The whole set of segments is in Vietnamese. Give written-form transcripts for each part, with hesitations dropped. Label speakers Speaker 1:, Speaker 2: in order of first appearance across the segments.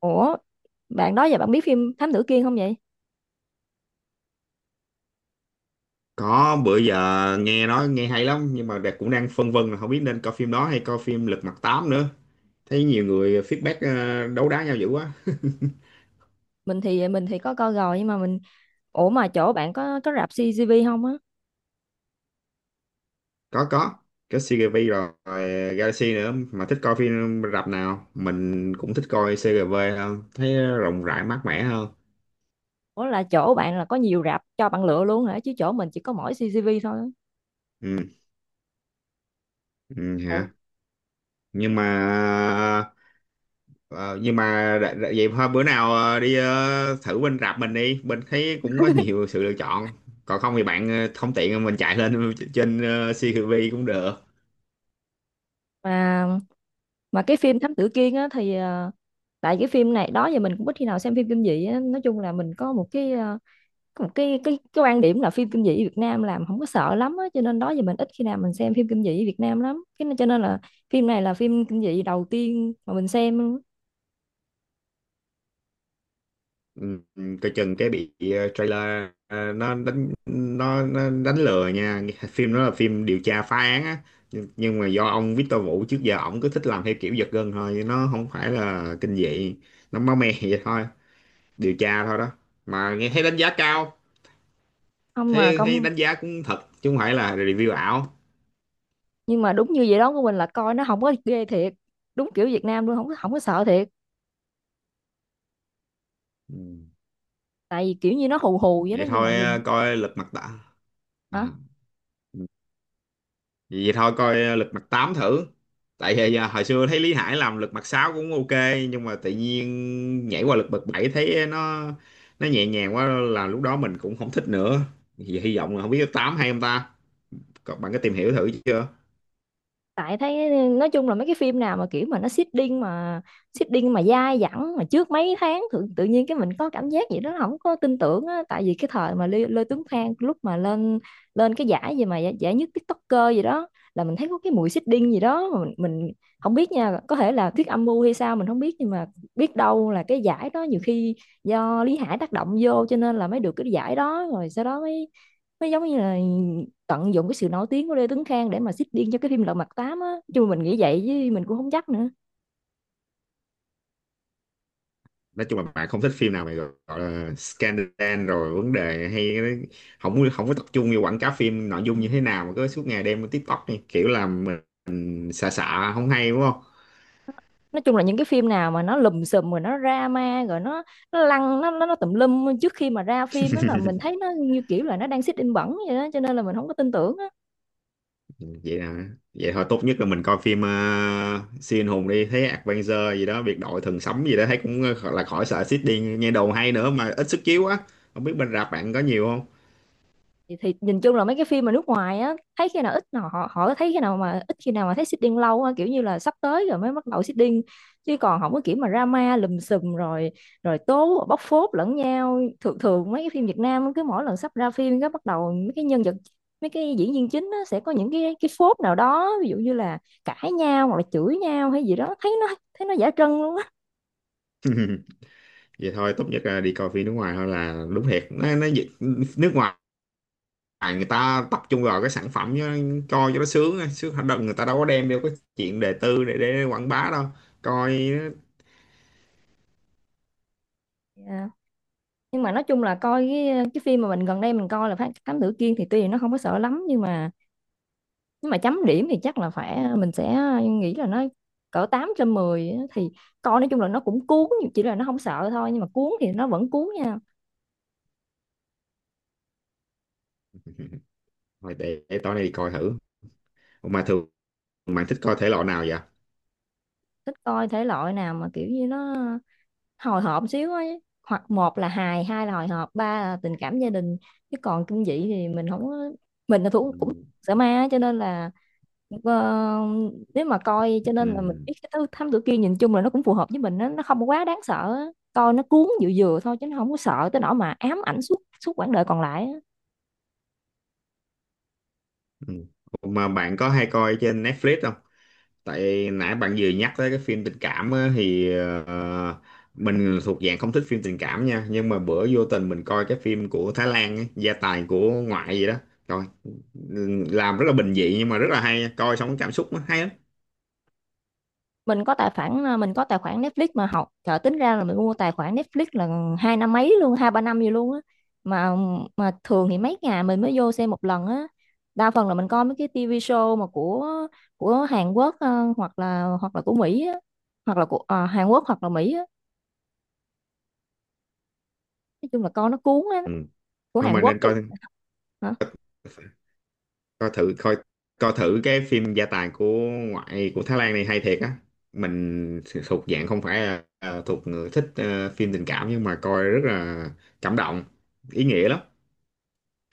Speaker 1: Ủa, bạn đó giờ bạn biết phim Thám Tử Kiên không vậy?
Speaker 2: Có bữa giờ nghe nói nghe hay lắm, nhưng mà Đạt cũng đang phân vân là không biết nên coi phim đó hay coi phim Lật Mặt 8 nữa. Thấy nhiều người feedback, đấu đá nhau dữ quá.
Speaker 1: Mình thì có coi rồi nhưng mà mình ủa mà chỗ bạn có rạp CGV không á?
Speaker 2: Có có, có CGV rồi, rồi Galaxy nữa. Mà thích coi phim rạp nào? Mình cũng thích coi CGV hơn, thấy rộng rãi mát mẻ hơn.
Speaker 1: Ủa là chỗ bạn là có nhiều rạp cho bạn lựa luôn hả? Chứ chỗ mình chỉ có mỗi CGV thôi á.
Speaker 2: Ừ, ừ
Speaker 1: Tại
Speaker 2: hả? Nhưng mà Ờ, nhưng mà vậy thôi bữa nào đi thử bên rạp mình đi, bên thấy cũng có nhiều sự lựa chọn. Còn không thì bạn không tiện, mình chạy lên trên CCTV cũng được.
Speaker 1: mà mà cái phim Thám Tử Kiên á thì tại cái phim này đó giờ mình cũng ít khi nào xem phim kinh dị á, nói chung là mình có một cái có một cái quan điểm là phim kinh dị Việt Nam làm không có sợ lắm á, cho nên đó giờ mình ít khi nào mình xem phim kinh dị Việt Nam lắm. Cái nên cho nên là phim này là phim kinh dị đầu tiên mà mình xem luôn á.
Speaker 2: Ừ, ừ, coi chừng cái bị trailer, nó đánh, nó đánh lừa nha. Phim đó là phim điều tra phá án á, nhưng mà do ông Victor Vũ trước giờ ổng cứ thích làm theo kiểu giật gân thôi, nó không phải là kinh dị. Nó máu me vậy thôi, điều tra thôi đó. Mà nghe thấy đánh giá cao
Speaker 1: Không mà
Speaker 2: thế, hay
Speaker 1: công
Speaker 2: đánh giá cũng thật chứ không phải là review ảo.
Speaker 1: nhưng mà đúng như vậy đó của mình là coi nó không có ghê thiệt, đúng kiểu Việt Nam luôn, không có sợ thiệt.
Speaker 2: Ừ.
Speaker 1: Tại vì kiểu như nó hù hù vậy đó
Speaker 2: Vậy
Speaker 1: nhưng mà
Speaker 2: thôi
Speaker 1: nhìn.
Speaker 2: coi lật mặt tám à.
Speaker 1: Hả?
Speaker 2: Ừ. Vậy thôi coi lật mặt 8 thử. Tại vì hồi xưa thấy Lý Hải làm lật mặt 6 cũng ok, nhưng mà tự nhiên nhảy qua lật mặt 7 thấy nó nhẹ nhàng quá, là lúc đó mình cũng không thích nữa. Vậy hy vọng là không biết 8 hay không ta. Còn bạn có tìm hiểu thử chưa?
Speaker 1: Tại thấy nói chung là mấy cái phim nào mà kiểu mà nó seeding mà dai dẳng mà trước mấy tháng tự nhiên cái mình có cảm giác gì đó không có tin tưởng á. Tại vì cái thời mà Lê Tuấn Khang lúc mà lên lên cái giải gì mà giải nhất TikToker gì đó là mình thấy có cái mùi seeding gì đó mà mình không biết nha, có thể là thuyết âm mưu hay sao mình không biết nhưng mà biết đâu là cái giải đó nhiều khi do Lý Hải tác động vô cho nên là mới được cái giải đó, rồi sau đó mới, nó giống như là tận dụng cái sự nổi tiếng của Lê Tuấn Khang để mà xích điên cho cái phim Lật Mặt Tám á, chứ mình nghĩ vậy chứ mình cũng không chắc nữa.
Speaker 2: Nói chung là bạn không thích phim nào mày gọi gọi là scandal rồi vấn đề hay cái đấy. Không có không có tập trung vô quảng cáo phim nội dung như thế nào, mà cứ suốt ngày đem lên TikTok này, kiểu là mình xả xả không hay đúng không.
Speaker 1: Nói chung là những cái phim nào mà nó lùm xùm rồi nó drama rồi nó lăn nó tùm lum trước khi mà ra phim á là mình thấy nó như kiểu là nó đang xích in bẩn vậy đó cho nên là mình không có tin tưởng á.
Speaker 2: Vậy là vậy thôi, tốt nhất là mình coi phim siêu anh hùng đi, thấy Avenger gì đó, biệt đội thần sấm gì đó, thấy cũng gọi là khỏi sợ xít đi, nghe đầu hay nữa mà ít sức chiếu á. Không biết bên rạp bạn có nhiều không?
Speaker 1: Thì nhìn chung là mấy cái phim mà nước ngoài á thấy khi nào ít nào họ họ thấy khi nào mà ít khi nào mà thấy seeding lâu á, kiểu như là sắp tới rồi mới bắt đầu seeding chứ còn không có kiểu mà drama lùm xùm rồi rồi tố bóc phốt lẫn nhau. Thường thường mấy cái phim Việt Nam cứ mỗi lần sắp ra phim cái bắt đầu mấy cái nhân vật, mấy cái diễn viên chính á, sẽ có những cái phốt nào đó, ví dụ như là cãi nhau hoặc là chửi nhau hay gì đó, thấy nó giả trân luôn á.
Speaker 2: Vậy thôi tốt nhất là đi coi phim nước ngoài thôi là đúng thiệt. Nó, dịch- nước ngoài à, người ta tập trung vào cái sản phẩm chứ, coi cho nó sướng ấy. Sướng đợt, người ta đâu có đem theo cái chuyện đề tư để, quảng bá đâu. Coi
Speaker 1: Dạ. Nhưng mà nói chung là coi cái phim mà mình gần đây mình coi là Thám Tử Kiên thì tuy là nó không có sợ lắm nhưng mà chấm điểm thì chắc là phải mình sẽ nghĩ là nó cỡ 8 trên 10 á, thì coi nói chung là nó cũng cuốn, chỉ là nó không sợ thôi nhưng mà cuốn thì nó vẫn cuốn nha.
Speaker 2: thôi. Để tối nay đi coi thử. Ủa mà thường bạn thích coi thể loại nào vậy?
Speaker 1: Thích coi thể loại nào mà kiểu như nó hồi hộp xíu ấy, hoặc một là hài, hai là hồi hộp, ba là tình cảm gia đình, chứ còn kinh dị thì mình không có- mình là thủ
Speaker 2: Ừ.
Speaker 1: cũng sợ ma á, cho nên là ờ, nếu mà coi, cho nên là mình
Speaker 2: Ừ.
Speaker 1: biết cái thứ thám tử kia nhìn chung là nó cũng phù hợp với mình, nó không có quá đáng sợ á. Coi nó cuốn vừa vừa thôi chứ nó không có sợ tới nỗi mà ám ảnh suốt suốt quãng đời còn lại á.
Speaker 2: Ừ. Ủa mà bạn có hay coi trên Netflix không? Tại nãy bạn vừa nhắc tới cái phim tình cảm á, thì ờ, mình thuộc dạng không thích phim tình cảm nha, nhưng mà bữa vô tình mình coi cái phim của Thái Lan ấy, gia tài của ngoại gì đó, rồi làm rất là bình dị nhưng mà rất là hay, coi xong cảm xúc nó hay lắm.
Speaker 1: Mình có tài khoản Netflix mà học trời, tính ra là mình mua tài khoản Netflix là hai năm mấy luôn, hai ba năm gì luôn á. Mà mà thường thì mấy ngày mình mới vô xem một lần á, đa phần là mình coi mấy cái TV show mà của Hàn Quốc hoặc là của Mỹ á, hoặc là của Hàn Quốc hoặc là Mỹ á, nói chung là coi nó cuốn á.
Speaker 2: Ừ.
Speaker 1: Của
Speaker 2: Thôi
Speaker 1: Hàn
Speaker 2: mà
Speaker 1: Quốc
Speaker 2: nên
Speaker 1: thì.
Speaker 2: coi,
Speaker 1: Hả?
Speaker 2: coi thử coi, coi thử cái phim gia tài của ngoại của Thái Lan, này hay thiệt á. Mình thuộc dạng không phải là à, thuộc người thích phim tình cảm, nhưng mà coi rất là cảm động, ý nghĩa lắm.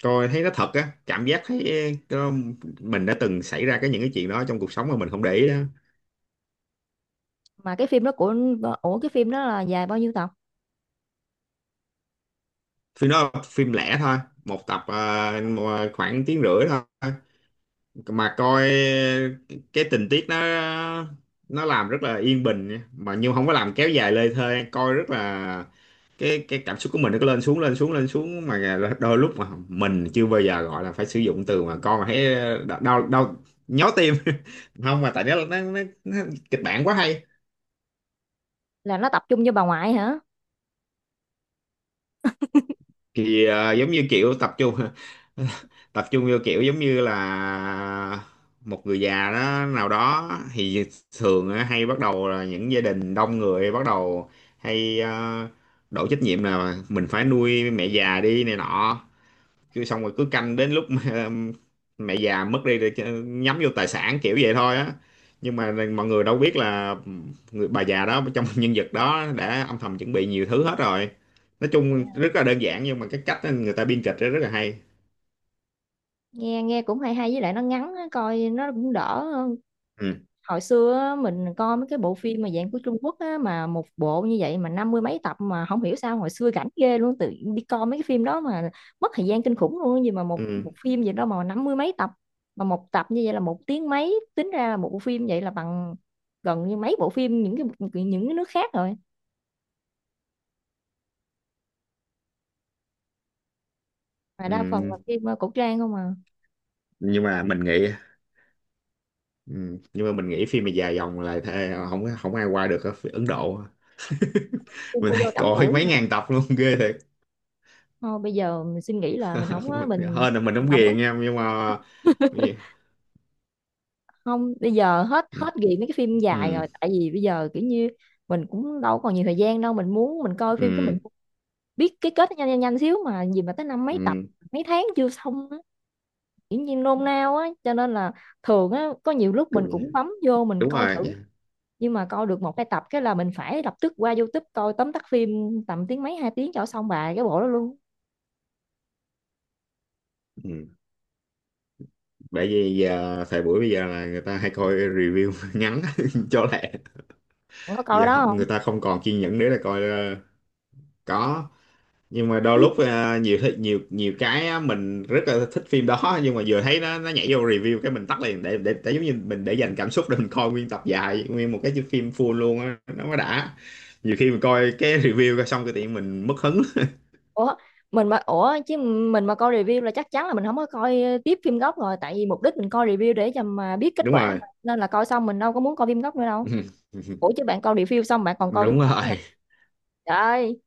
Speaker 2: Coi thấy nó thật á, cảm giác thấy ờ, mình đã từng xảy ra cái những cái chuyện đó trong cuộc sống mà mình không để ý đó.
Speaker 1: Mà cái phim đó của ủa Cái phim đó là dài bao nhiêu tập?
Speaker 2: Phim đó là phim lẻ thôi, một tập khoảng tiếng rưỡi thôi. Mà coi cái tình tiết nó làm rất là yên bình nha. Mà nhưng không có làm kéo dài lê thê, coi rất là cái cảm xúc của mình nó cứ lên xuống lên xuống lên xuống, mà đôi lúc mà mình chưa bao giờ gọi là phải sử dụng từ mà con mà thấy đau đau nhói tim. Không mà tại nó nó kịch bản quá hay.
Speaker 1: Là nó tập trung cho bà ngoại hả?
Speaker 2: Thì giống như kiểu tập trung tập trung vô kiểu giống như là một người già đó nào đó, thì thường á, hay bắt đầu là những gia đình đông người, bắt đầu hay đổ trách nhiệm là mình phải nuôi mẹ già đi này nọ, cứ xong rồi cứ canh đến lúc mà mẹ già mất đi rồi nhắm vô tài sản kiểu vậy thôi á. Nhưng mà mọi người đâu biết là người bà già đó trong nhân vật đó đã âm thầm chuẩn bị nhiều thứ hết rồi. Nói chung rất là đơn giản, nhưng mà cái cách người ta biên kịch đó rất là hay.
Speaker 1: Nghe nghe cũng hay hay, với lại nó ngắn á, coi nó cũng đỡ.
Speaker 2: Ừ.
Speaker 1: Hồi xưa á, mình coi mấy cái bộ phim mà dạng của Trung Quốc á, mà một bộ như vậy mà năm mươi mấy tập, mà không hiểu sao hồi xưa rảnh ghê luôn, tự đi coi mấy cái phim đó mà mất thời gian kinh khủng luôn á. Gì mà một
Speaker 2: Ừ.
Speaker 1: một phim gì đó mà năm mươi mấy tập, mà một tập như vậy là một tiếng mấy, tính ra là một bộ phim vậy là bằng gần như mấy bộ phim những cái, nước khác rồi, mà đa phần
Speaker 2: Ừ.
Speaker 1: là phim cổ trang không à.
Speaker 2: Nhưng mà mình nghĩ ừ, nhưng mà mình nghĩ phim mà dài dòng là thề, không không ai qua được ở phía Ấn Độ.
Speaker 1: Phim
Speaker 2: Mình
Speaker 1: cô
Speaker 2: thấy
Speaker 1: dâu tám
Speaker 2: coi
Speaker 1: tuổi
Speaker 2: mấy
Speaker 1: hả?
Speaker 2: ngàn tập luôn, ghê thiệt.
Speaker 1: Thôi bây giờ mình suy nghĩ là mình không á, mình,
Speaker 2: Hơn là mình
Speaker 1: mình
Speaker 2: không
Speaker 1: không á,
Speaker 2: ghiền nha, nhưng mà
Speaker 1: không bây giờ hết
Speaker 2: ừ,
Speaker 1: hết nghiện mấy cái phim dài
Speaker 2: ừ,
Speaker 1: rồi, tại vì bây giờ kiểu như mình cũng đâu còn nhiều thời gian đâu, mình muốn mình coi phim cái
Speaker 2: ừ,
Speaker 1: mình biết cái kết nó nhanh nhanh nhanh xíu mà gì mà tới năm mấy tập
Speaker 2: ừ,
Speaker 1: mấy tháng chưa xong á, kiểu như nôn nao á, cho nên là thường á có nhiều lúc
Speaker 2: cũng
Speaker 1: mình
Speaker 2: vậy.
Speaker 1: cũng bấm vô mình
Speaker 2: Đúng
Speaker 1: coi
Speaker 2: rồi.
Speaker 1: thử nhưng mà coi được một hai tập cái là mình phải lập tức qua YouTube coi tóm tắt phim tầm tiếng mấy hai tiếng cho xong bài cái bộ đó luôn.
Speaker 2: Ừ. Bởi vì giờ thời buổi bây giờ là người ta hay coi review ngắn cho lẹ.
Speaker 1: Bạn có coi đó không?
Speaker 2: Người ta không còn kiên nhẫn nữa là coi có, nhưng mà đôi lúc nhiều nhiều cái á, mình rất là thích phim đó, nhưng mà vừa thấy nó nhảy vô review cái mình tắt liền, để để giống như mình để dành cảm xúc để mình coi nguyên tập dài nguyên một cái phim full luôn á, nó mới đã. Nhiều khi mình coi cái review coi xong cái tự nhiên mình mất hứng.
Speaker 1: Ủa, mình mà ủa chứ mình mà coi review là chắc chắn là mình không có coi tiếp phim gốc rồi, tại vì mục đích mình coi review để cho mà biết kết
Speaker 2: Đúng
Speaker 1: quả
Speaker 2: rồi.
Speaker 1: mà, nên là coi xong mình đâu có muốn coi phim gốc nữa đâu. Ủa chứ bạn coi review xong bạn còn coi phim
Speaker 2: Đúng
Speaker 1: gốc nữa hả?
Speaker 2: rồi.
Speaker 1: Trời ơi,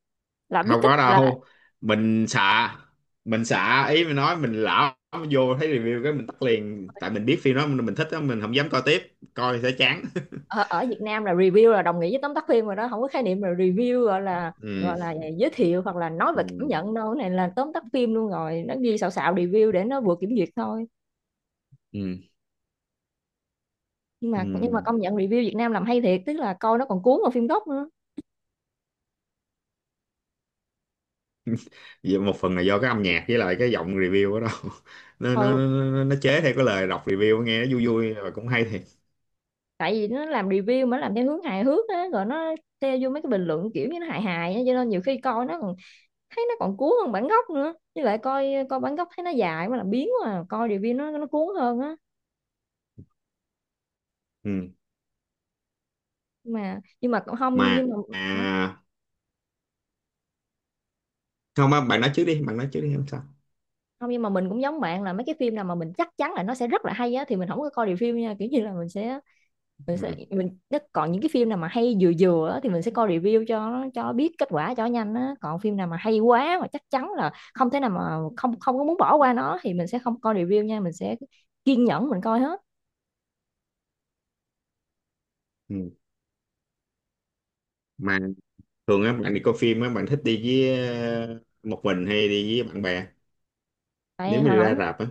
Speaker 1: là
Speaker 2: Không
Speaker 1: biết kích
Speaker 2: có
Speaker 1: là
Speaker 2: đâu. mình xạ mình xạ, ý mình nói mình lão vô thấy review cái mình tắt liền, tại mình biết phim đó mình thích đó, mình không dám coi tiếp, coi sẽ chán.
Speaker 1: ở Việt Nam là review là đồng nghĩa với tóm tắt phim rồi đó, không có khái niệm là review gọi là
Speaker 2: Ừ,
Speaker 1: gọi là giới thiệu hoặc là nói
Speaker 2: ừ,
Speaker 1: về cảm nhận đâu, cái này là tóm tắt phim luôn rồi, nó ghi xạo xạo review để nó vừa kiểm duyệt thôi.
Speaker 2: ừ,
Speaker 1: Nhưng mà
Speaker 2: ừ.
Speaker 1: công nhận review Việt Nam làm hay thiệt, tức là coi nó còn cuốn vào phim gốc nữa.
Speaker 2: Vì một phần là do cái âm nhạc với lại cái giọng review đó đâu nó
Speaker 1: Ừ,
Speaker 2: nó chế theo cái lời đọc review, nghe nó vui vui và cũng hay thiệt.
Speaker 1: tại vì nó làm review mà nó làm theo hướng hài hước á rồi nó theo vô mấy cái bình luận kiểu như nó hài hài á, cho nên nhiều khi coi nó còn thấy nó còn cuốn hơn bản gốc nữa, với lại coi coi bản gốc thấy nó dài quá là biến quá à, coi review nó cuốn hơn á,
Speaker 2: Ừ.
Speaker 1: nhưng mà cũng không
Speaker 2: Mà
Speaker 1: nhưng mà. Hả?
Speaker 2: à, không á, bạn nói trước đi, bạn nói trước đi, không sao.
Speaker 1: Không, nhưng mà mình cũng giống bạn là mấy cái phim nào mà mình chắc chắn là nó sẽ rất là hay á thì mình không có coi review nha, kiểu như là mình sẽ
Speaker 2: Ừ,
Speaker 1: mình nó còn những cái phim nào mà hay vừa vừa á, thì mình sẽ coi review cho nó- cho biết kết quả cho nhanh á, còn phim nào mà hay quá mà chắc chắn là không thể nào mà không không có muốn bỏ qua nó thì mình sẽ không coi review nha, mình sẽ kiên nhẫn mình coi hết.
Speaker 2: ừ. Mà thường á bạn đi coi phim á, bạn thích đi với một mình hay đi với bạn bè? Nếu
Speaker 1: Tại hồi
Speaker 2: mình ra
Speaker 1: hổng
Speaker 2: rạp á,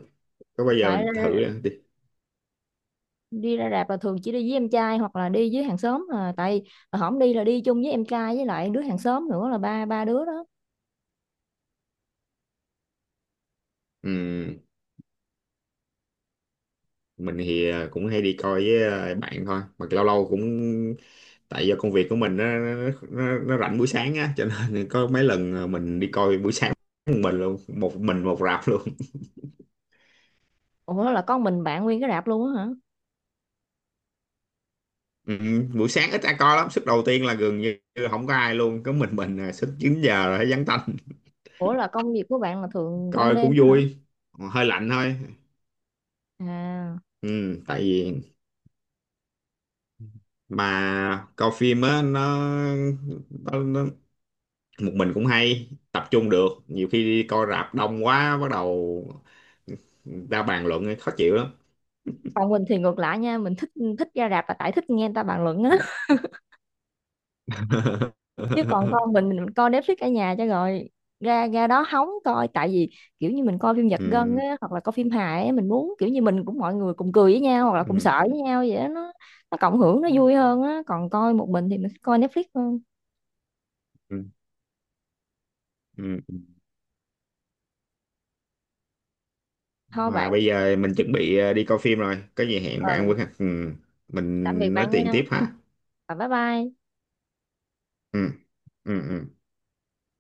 Speaker 2: có bao giờ
Speaker 1: Tại
Speaker 2: mình thử đi.
Speaker 1: đi ra rạp là thường chỉ đi với em trai hoặc là đi với hàng xóm à, tại hồi hổng đi là đi chung với em trai với lại đứa hàng xóm nữa là ba ba đứa đó.
Speaker 2: Ừm, mình thì à, cũng hay đi coi với à, bạn thôi, mà lâu lâu cũng tại do công việc của mình, nó nó rảnh buổi sáng á, cho nên có mấy lần à, mình đi coi buổi sáng một mình luôn, một mình một rạp luôn.
Speaker 1: Ủa là con mình bạn nguyên cái rạp luôn á hả?
Speaker 2: Buổi sáng ít ai coi lắm, suất đầu tiên là gần như không có ai luôn, có mình à, suất 9 giờ là thấy vắng tanh,
Speaker 1: Ủa là công việc của bạn là thường ban
Speaker 2: coi
Speaker 1: đêm
Speaker 2: cũng
Speaker 1: á hả?
Speaker 2: vui, hơi lạnh thôi.
Speaker 1: À,
Speaker 2: Tại vì mà coi phim á nó, nó một mình cũng hay tập trung được, nhiều khi đi coi rạp đông quá bắt đầu ra bàn luận khó chịu lắm.
Speaker 1: còn mình thì ngược lại nha, mình thích thích ra rạp là tại thích nghe người ta bàn luận á, chứ còn con mình coi Netflix ở nhà cho rồi, ra ra đó hóng coi tại vì kiểu như mình coi phim giật gân
Speaker 2: Ừ,
Speaker 1: á hoặc là coi phim hài á, mình muốn kiểu như mình cũng mọi người cùng cười với nhau hoặc là cùng
Speaker 2: ừ,
Speaker 1: sợ với nhau vậy đó, nó cộng hưởng nó vui hơn á, còn coi một mình thì mình thích coi Netflix hơn.
Speaker 2: ừ, ừ.
Speaker 1: Thôi
Speaker 2: Mà
Speaker 1: bạn,
Speaker 2: bây giờ mình chuẩn bị đi coi phim rồi, có gì hẹn bạn
Speaker 1: ừ,
Speaker 2: với. Ừ, mình
Speaker 1: tạm biệt bạn
Speaker 2: nói chuyện
Speaker 1: nha,
Speaker 2: tiếp ha.
Speaker 1: và bye bye.
Speaker 2: Ừ, ừ, ừ.